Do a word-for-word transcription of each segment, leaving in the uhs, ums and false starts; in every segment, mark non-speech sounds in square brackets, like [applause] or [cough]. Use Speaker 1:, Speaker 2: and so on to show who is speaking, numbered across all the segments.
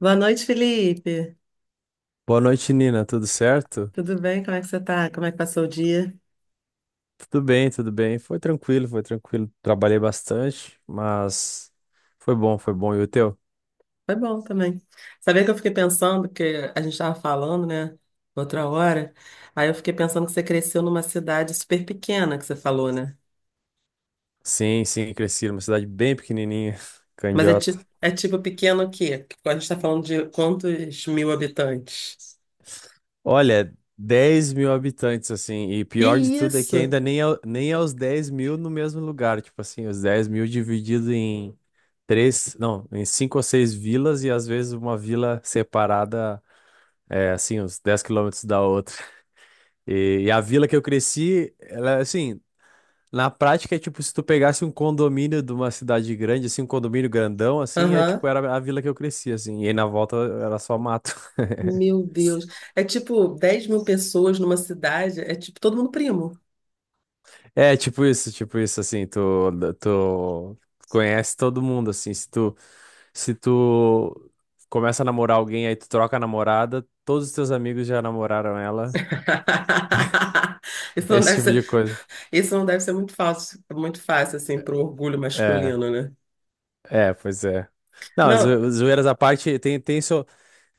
Speaker 1: Boa noite, Felipe.
Speaker 2: Boa noite, Nina. Tudo certo?
Speaker 1: Tudo bem? Como é que você tá? Como é que passou o dia?
Speaker 2: Tudo bem, tudo bem. Foi tranquilo, foi tranquilo. Trabalhei bastante, mas foi bom, foi bom. E o teu?
Speaker 1: Foi bom também. Sabia que eu fiquei pensando, que a gente estava falando, né, outra hora, aí eu fiquei pensando que você cresceu numa cidade super pequena, que você falou, né?
Speaker 2: Sim, sim, cresci numa cidade bem pequenininha, [laughs]
Speaker 1: Mas é, ti
Speaker 2: Candiota.
Speaker 1: é tipo pequeno o quê? Porque A gente está falando de quantos mil habitantes?
Speaker 2: Olha, dez mil habitantes, assim, e
Speaker 1: Que
Speaker 2: pior de tudo é que
Speaker 1: isso?
Speaker 2: ainda nem é, nem é os dez mil no mesmo lugar. Tipo assim, os dez mil dividido em três, não, em cinco ou seis vilas e às vezes uma vila separada, é, assim, uns dez quilômetros da outra. E, e a vila que eu cresci, ela, é, assim, na prática, é tipo, se tu pegasse um condomínio de uma cidade grande, assim, um condomínio grandão, assim, é tipo,
Speaker 1: Aham.
Speaker 2: era a vila que eu cresci, assim, e aí na volta era só mato. [laughs]
Speaker 1: Meu Deus. É tipo dez mil pessoas numa cidade, é tipo todo mundo primo.
Speaker 2: É, tipo isso, tipo isso, assim, tu, tu conhece todo mundo, assim, se tu, se tu começa a namorar alguém, aí tu troca a namorada, todos os teus amigos já namoraram ela,
Speaker 1: [laughs] Isso não
Speaker 2: esse
Speaker 1: deve
Speaker 2: tipo de
Speaker 1: ser
Speaker 2: coisa.
Speaker 1: Isso não deve ser muito fácil, muito fácil assim para o orgulho
Speaker 2: É,
Speaker 1: masculino, né?
Speaker 2: é, pois é. Não,
Speaker 1: Não.
Speaker 2: zo- zoeiras à parte, tem, tem, seu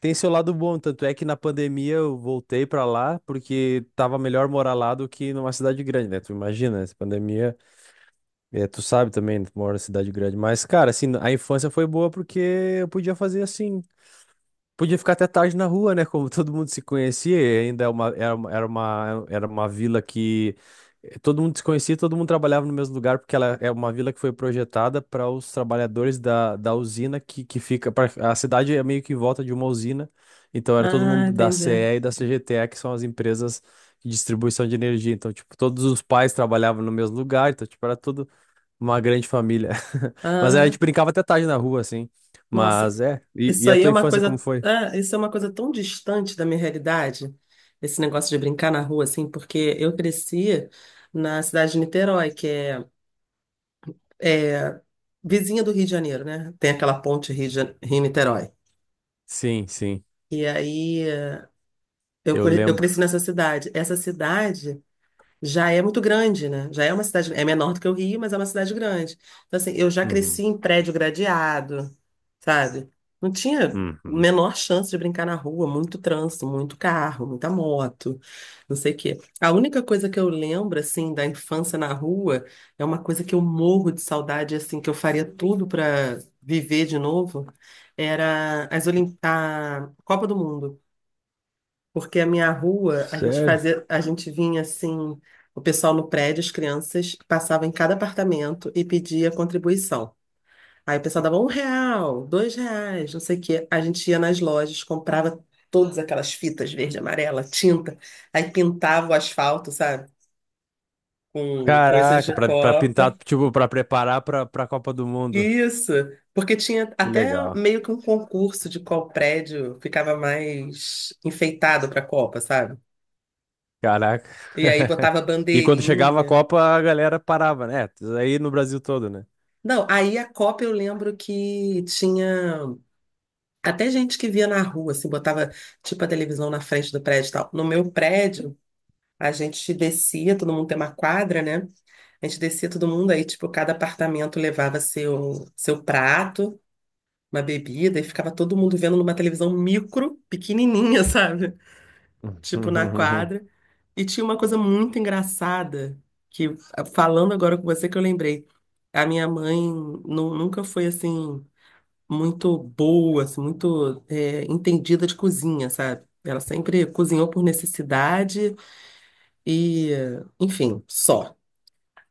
Speaker 2: Tem seu lado bom, tanto é que na pandemia eu voltei pra lá porque tava melhor morar lá do que numa cidade grande, né? Tu imagina, essa pandemia, é, tu sabe também, tu mora em cidade grande. Mas, cara, assim, a infância foi boa porque eu podia fazer assim. Podia ficar até tarde na rua, né? Como todo mundo se conhecia, e ainda é uma- era uma, era uma, era uma vila que eh, todo mundo se conhecia, todo mundo trabalhava no mesmo lugar, porque ela é uma vila que foi projetada para os trabalhadores da, da usina que, que fica. Pra- a cidade é meio que em volta de uma usina, então era todo
Speaker 1: Ah,
Speaker 2: mundo da
Speaker 1: entendi.
Speaker 2: CE e e da C G T E, que são as empresas de distribuição de energia. Então, tipo, todos os pais trabalhavam no mesmo lugar, então, tipo, era tudo uma grande família. [laughs] Mas aí a
Speaker 1: Ah,
Speaker 2: gente brincava até tarde na rua, assim.
Speaker 1: nossa,
Speaker 2: Mas é. E,
Speaker 1: isso
Speaker 2: e a
Speaker 1: aí
Speaker 2: tua
Speaker 1: é uma
Speaker 2: infância, como
Speaker 1: coisa,
Speaker 2: foi?
Speaker 1: ah, isso é uma coisa tão distante da minha realidade, esse negócio de brincar na rua assim, porque eu cresci na cidade de Niterói, que é, é vizinha do Rio de Janeiro, né? Tem aquela ponte Rio de Jane- Rio-Niterói.
Speaker 2: Sim, sim,
Speaker 1: E aí eh, eu,
Speaker 2: eu
Speaker 1: cre- eu cresci
Speaker 2: lembro.
Speaker 1: nessa cidade. Essa cidade já é muito grande, né? Já é uma cidade, é menor do que o Rio, mas é uma cidade grande. Então, assim, eu já
Speaker 2: Uhum,
Speaker 1: cresci em prédio gradeado, sabe? Não tinha
Speaker 2: uhum.
Speaker 1: menor chance de brincar na rua, muito trânsito, muito carro, muita moto, não sei o quê. A única coisa que eu lembro, assim, da infância na rua é uma coisa que eu morro de saudade, assim, que eu faria tudo para viver de novo, era as Olim... a Copa do Mundo. Porque a minha rua, a gente
Speaker 2: Sério?
Speaker 1: fazia, a gente vinha assim, o pessoal no prédio, as crianças, passava em cada apartamento e pedia contribuição. Aí o pessoal dava um real, dois reais, não sei o quê. A gente ia nas lojas, comprava todas aquelas fitas verde, e amarela, tinta, aí pintava o asfalto, sabe? Com coisas
Speaker 2: Caraca,
Speaker 1: de
Speaker 2: pra, pra
Speaker 1: copa.
Speaker 2: pintar, tipo, pra preparar pra, pra Copa do Mundo.
Speaker 1: Isso, porque tinha
Speaker 2: Que
Speaker 1: até
Speaker 2: legal.
Speaker 1: meio que um concurso de qual prédio ficava mais enfeitado para a Copa, sabe?
Speaker 2: Caraca.
Speaker 1: E aí
Speaker 2: [laughs]
Speaker 1: botava
Speaker 2: E quando chegava a
Speaker 1: bandeirinha.
Speaker 2: Copa, a galera parava, né? Aí no Brasil todo, né?
Speaker 1: Não, aí a Copa eu lembro que tinha até gente que via na rua, assim, botava tipo a televisão na frente do prédio e tal. No meu prédio, a gente descia, todo mundo tem uma quadra, né? A gente descia todo mundo, aí tipo, cada apartamento levava seu, seu prato, uma bebida, e ficava todo mundo vendo numa televisão micro, pequenininha, [laughs] sabe?
Speaker 2: [laughs]
Speaker 1: Tipo, na
Speaker 2: Uhum,
Speaker 1: quadra. E tinha uma coisa muito engraçada, que falando agora com você que eu lembrei. A minha mãe nu- nunca foi assim muito boa, assim, muito é, entendida de cozinha, sabe? Ela sempre cozinhou por necessidade e, enfim, só.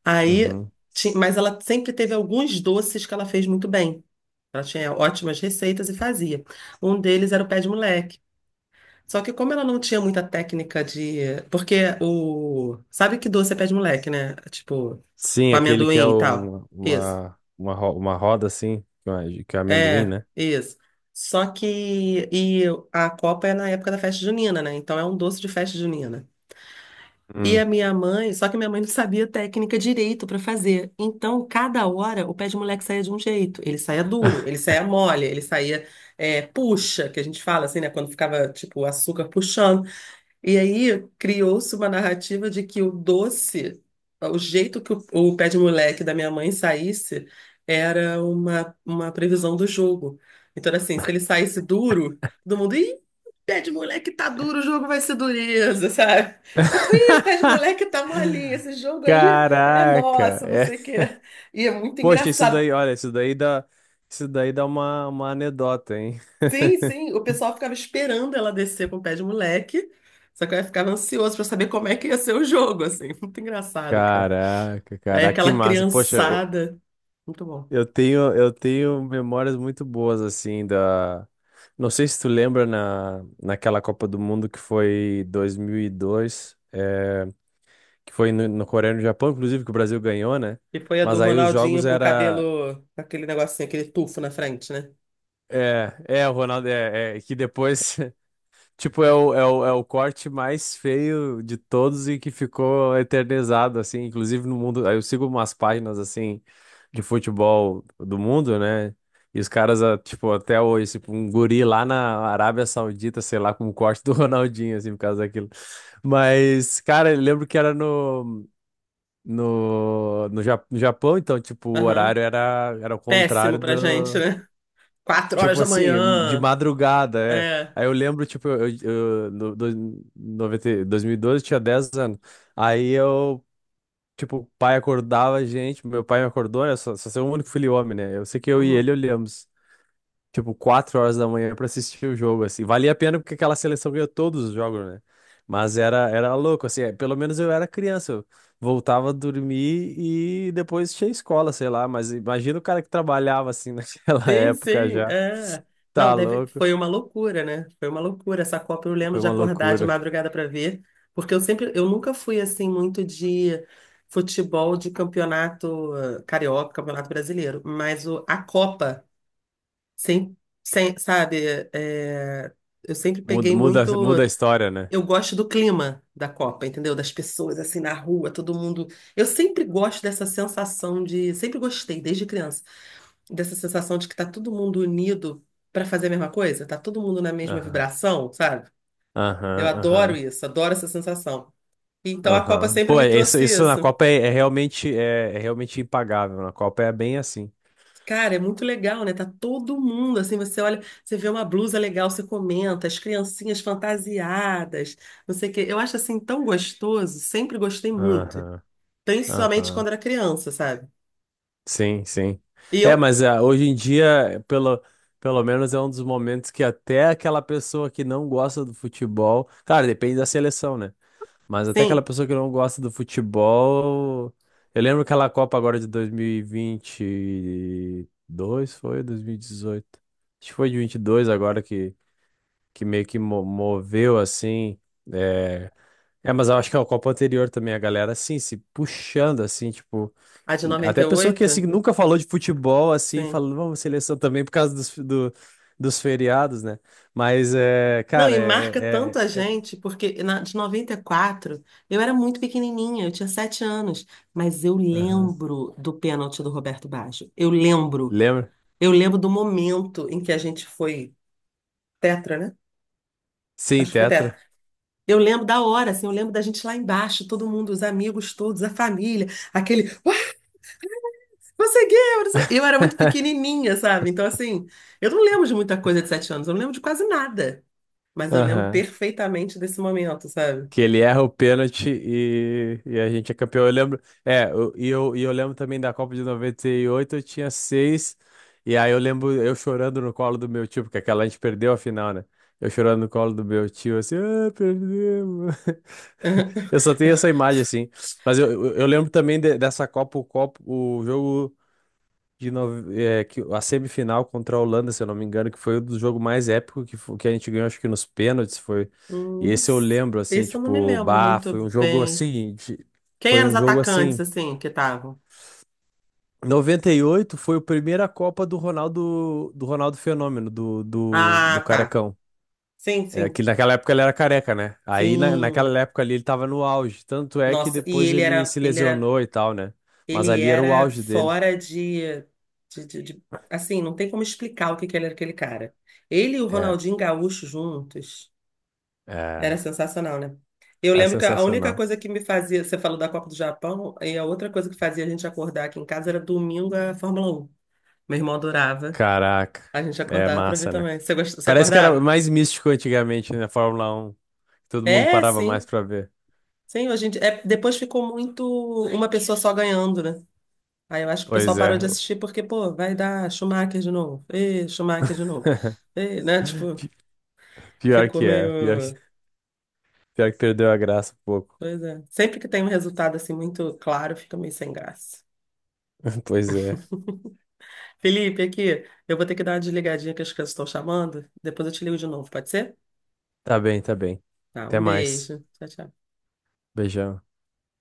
Speaker 1: Aí,
Speaker 2: uhum.
Speaker 1: ti- mas ela sempre teve alguns doces que ela fez muito bem. Ela tinha ótimas receitas e fazia. Um deles era o pé de moleque. Só que como ela não tinha muita técnica de... Porque o... Sabe que doce é pé de moleque, né? Tipo,
Speaker 2: Sim,
Speaker 1: com
Speaker 2: aquele que é
Speaker 1: amendoim e tal.
Speaker 2: um-
Speaker 1: Isso.
Speaker 2: uma, uma, ro- uma roda assim, que é que é amendoim,
Speaker 1: É,
Speaker 2: né?
Speaker 1: isso. Só que e a Copa é na época da festa junina, né? Então é um doce de festa junina. E a
Speaker 2: Hum.
Speaker 1: minha mãe, só que minha mãe não sabia técnica direito para fazer. Então, cada hora o pé de moleque saía de um jeito. Ele saía duro, ele saía mole, ele saía é, puxa, que a gente fala assim, né? Quando ficava tipo o açúcar puxando. E aí criou-se uma narrativa de que o doce, o jeito que o, o pé de moleque da minha mãe saísse, era uma, uma previsão do jogo. Então era assim, se ele saísse duro, todo mundo, ih, o pé de moleque tá duro, o jogo vai ser dureza, sabe? Tipo, ih, o pé de moleque tá molinho,
Speaker 2: [laughs]
Speaker 1: esse jogo aí é
Speaker 2: Caraca.
Speaker 1: nosso, não
Speaker 2: É.
Speaker 1: sei o quê. E é muito
Speaker 2: Poxa, isso
Speaker 1: engraçado.
Speaker 2: daí, olha, isso daí dá, isso daí dá uma, uma anedota, hein?
Speaker 1: Sim, sim, o pessoal ficava esperando ela descer com o pé de moleque, só que eu ficava ansioso pra saber como é que ia ser o jogo, assim, [laughs] muito engraçado, cara.
Speaker 2: Caraca,
Speaker 1: Aí
Speaker 2: caraca, que
Speaker 1: aquela
Speaker 2: massa. Poxa, eu,
Speaker 1: criançada, muito bom.
Speaker 2: eu tenho, eu tenho memórias muito boas, assim, da... Não sei se tu lembra na, naquela Copa do Mundo que foi dois mil e dois, é, que foi no, no, Coreia e no Japão, inclusive, que o Brasil ganhou, né?
Speaker 1: E foi a
Speaker 2: Mas
Speaker 1: do
Speaker 2: aí os
Speaker 1: Ronaldinho
Speaker 2: jogos
Speaker 1: com o
Speaker 2: era...
Speaker 1: cabelo, com aquele negocinho, aquele tufo na frente, né?
Speaker 2: É, é, o Ronaldo, é, é que depois. Tipo, é o, é o, é o corte mais feio de todos e que ficou eternizado, assim, inclusive no mundo. Aí eu sigo umas páginas, assim, de futebol do mundo, né? E os caras, ah, tipo, até hoje, tipo, um guri lá na Arábia Saudita, sei lá, com o corte do [laughs] Ronaldinho, assim, por causa daquilo. Mas, cara, eu lembro que era no, no, no Ja- no Japão, então, tipo, o
Speaker 1: Aham.
Speaker 2: horário era, era o
Speaker 1: Péssimo
Speaker 2: contrário.
Speaker 1: pra gente, né? Quatro horas
Speaker 2: Tipo
Speaker 1: da
Speaker 2: assim, de
Speaker 1: manhã,
Speaker 2: madrugada, é.
Speaker 1: é.
Speaker 2: Aí eu lembro, tipo, eu, eu, no, do, noventa, dois mil e doze tinha dez anos. Aí eu, tipo, o pai acordava a gente, meu pai me acordou, né? Só, só sou o único filho homem, né? Eu sei que eu e ele
Speaker 1: Uhum.
Speaker 2: olhamos, tipo, quatro horas da manhã pra assistir o jogo, assim. Valia a pena porque aquela seleção ganhou todos os jogos, né? Mas era, era louco, assim, é, pelo menos eu era criança. Eu voltava a dormir e depois tinha escola, sei lá. Mas imagina o cara que trabalhava, assim, [laughs] naquela
Speaker 1: Sim,
Speaker 2: época
Speaker 1: sim,
Speaker 2: já.
Speaker 1: é. Não,
Speaker 2: Tá
Speaker 1: deve...
Speaker 2: louco.
Speaker 1: foi uma loucura, né? Foi uma loucura. Essa Copa eu lembro
Speaker 2: Foi
Speaker 1: de
Speaker 2: uma
Speaker 1: acordar de
Speaker 2: loucura.
Speaker 1: madrugada para ver, porque eu sempre, eu nunca fui assim muito de futebol de campeonato eh, carioca, campeonato brasileiro, mas o... a Copa, sim, sem, sabe, é, eu sempre
Speaker 2: Muda,
Speaker 1: peguei
Speaker 2: muda,
Speaker 1: muito.
Speaker 2: muda a história, né?
Speaker 1: Eu gosto do clima da Copa, entendeu? Das pessoas assim na rua, todo mundo. Eu sempre gosto dessa sensação de, sempre gostei desde criança dessa sensação de que tá todo mundo unido para fazer a mesma coisa, tá todo mundo na mesma
Speaker 2: Aham,
Speaker 1: vibração, sabe? Eu
Speaker 2: aham,
Speaker 1: adoro
Speaker 2: aham,
Speaker 1: isso, adoro essa sensação. Então a Copa
Speaker 2: aham.
Speaker 1: sempre
Speaker 2: Pô,
Speaker 1: me
Speaker 2: isso,
Speaker 1: trouxe
Speaker 2: isso na
Speaker 1: isso.
Speaker 2: Copa é, é realmente é, é realmente impagável. Na Copa é bem assim.
Speaker 1: Cara, é muito legal, né? Tá todo mundo assim, você olha, você vê uma blusa legal, você comenta, as criancinhas fantasiadas, não sei o quê. Eu acho assim tão gostoso, sempre gostei muito,
Speaker 2: Aham,
Speaker 1: principalmente
Speaker 2: aham.
Speaker 1: quando era criança, sabe?
Speaker 2: Sim, sim.
Speaker 1: E
Speaker 2: É,
Speaker 1: eu,
Speaker 2: mas ah, hoje em dia, pelo, pelo menos é um dos momentos que até aquela pessoa que não gosta do futebol, cara, depende da seleção, né? Mas até aquela
Speaker 1: sim,
Speaker 2: pessoa que não gosta do futebol. Eu lembro aquela Copa agora de dois mil e e vinte e dois foi? Dois mil e dezoito. Acho que foi de vinte e dois agora que, que, meio que mo- moveu assim. É... é, mas eu acho que é a Copa anterior também, a galera assim, se puxando assim, tipo.
Speaker 1: a de noventa e
Speaker 2: Até pessoa que
Speaker 1: oito
Speaker 2: assim nunca falou de futebol assim,
Speaker 1: sim.
Speaker 2: falando, vamos, seleção também por causa dos, do- dos feriados, né? Mas é,
Speaker 1: Não,
Speaker 2: cara,
Speaker 1: e marca
Speaker 2: é.
Speaker 1: tanto a
Speaker 2: é, é- é-
Speaker 1: gente, porque na, de noventa e quatro eu era muito pequenininha, eu tinha sete anos, mas eu
Speaker 2: Aham.
Speaker 1: lembro do pênalti do Roberto Baggio. Eu lembro.
Speaker 2: Lembra?
Speaker 1: Eu lembro do momento em que a gente foi tetra, né?
Speaker 2: Sim,
Speaker 1: Acho que foi tetra.
Speaker 2: Tetra.
Speaker 1: Eu lembro da hora, assim, eu lembro da gente lá embaixo, todo mundo, os amigos todos, a família, aquele, uai, conseguiu! Não sei- Eu era muito
Speaker 2: [laughs]
Speaker 1: pequenininha, sabe? Então, assim, eu não lembro de muita coisa de sete anos, eu não lembro de quase nada, mas eu lembro
Speaker 2: Aham.
Speaker 1: perfeitamente desse momento, sabe?
Speaker 2: Que ele erra o pênalti e, e a gente é campeão. Eu lembro. É, eu- e eu, e eu lembro também da Copa de noventa e oito. Eu tinha seis. E aí eu lembro eu chorando no colo do meu tio, porque aquela a gente perdeu a final, né? Eu chorando no colo do meu tio, assim, ah, perdemos. [laughs] Eu só tenho essa imagem, assim. Mas eu, eu eu lembro também de- dessa Copa, o, copo, o jogo de nove- é, que a semifinal contra a Holanda, se eu não me engano, que foi o do jogo mais épico que, fo- que a gente ganhou, acho que nos pênaltis foi. E
Speaker 1: Hum,
Speaker 2: esse eu lembro, assim,
Speaker 1: esse eu não me
Speaker 2: tipo,
Speaker 1: lembro
Speaker 2: bah,
Speaker 1: muito
Speaker 2: foi um jogo
Speaker 1: bem.
Speaker 2: assim, de-
Speaker 1: Quem
Speaker 2: foi
Speaker 1: eram os
Speaker 2: um jogo
Speaker 1: atacantes,
Speaker 2: assim.
Speaker 1: assim, que estavam?
Speaker 2: Noventa e oito foi a primeira Copa do Ronaldo, do Ronaldo Fenômeno, do, do, do
Speaker 1: Ah, tá.
Speaker 2: Carecão.
Speaker 1: Sim,
Speaker 2: É,
Speaker 1: sim.
Speaker 2: que naquela época ele era careca, né? Aí na,
Speaker 1: Sim.
Speaker 2: naquela época ali ele tava no auge. Tanto é que
Speaker 1: Nossa, e
Speaker 2: depois
Speaker 1: ele
Speaker 2: ele
Speaker 1: era,
Speaker 2: se
Speaker 1: ele era,
Speaker 2: lesionou e tal, né? Mas
Speaker 1: ele
Speaker 2: ali era o
Speaker 1: era
Speaker 2: auge dele.
Speaker 1: fora de, de, de- de- assim, não tem como explicar o que que ele era aquele cara. Ele e o
Speaker 2: É,
Speaker 1: Ronaldinho Gaúcho juntos
Speaker 2: é,
Speaker 1: era sensacional, né? Eu
Speaker 2: é
Speaker 1: lembro que a única
Speaker 2: sensacional.
Speaker 1: coisa que me fazia, você falou da Copa do Japão, e a outra coisa que fazia a gente acordar aqui em casa era domingo a Fórmula Um. Meu irmão adorava.
Speaker 2: Caraca,
Speaker 1: A gente
Speaker 2: é
Speaker 1: acordava pra ver
Speaker 2: massa, né?
Speaker 1: também. Você gost... Você
Speaker 2: Parece que era
Speaker 1: acordava?
Speaker 2: mais místico antigamente, né? Fórmula Um. Todo mundo
Speaker 1: É,
Speaker 2: parava mais
Speaker 1: sim.
Speaker 2: pra ver.
Speaker 1: Sim, hoje em dia. É, depois ficou muito uma pessoa só ganhando, né? Aí eu acho que o pessoal
Speaker 2: Pois
Speaker 1: parou
Speaker 2: é.
Speaker 1: de assistir porque, pô, vai dar Schumacher de novo. Ê, Schumacher de novo.
Speaker 2: [laughs]
Speaker 1: Ê, né? Tipo,
Speaker 2: Pi- Pior
Speaker 1: ficou
Speaker 2: que é. Pior que,
Speaker 1: meio.
Speaker 2: pior que perdeu a graça um pouco.
Speaker 1: Pois é. Sempre que tem um resultado assim muito claro, fica meio sem graça.
Speaker 2: [laughs] Pois é.
Speaker 1: Felipe, aqui, eu vou ter que dar uma desligadinha que as crianças estão chamando. Depois eu te ligo de novo, pode ser?
Speaker 2: Tá bem, tá bem.
Speaker 1: Tá,
Speaker 2: Até
Speaker 1: um
Speaker 2: mais.
Speaker 1: beijo. Tchau, tchau.
Speaker 2: Beijão.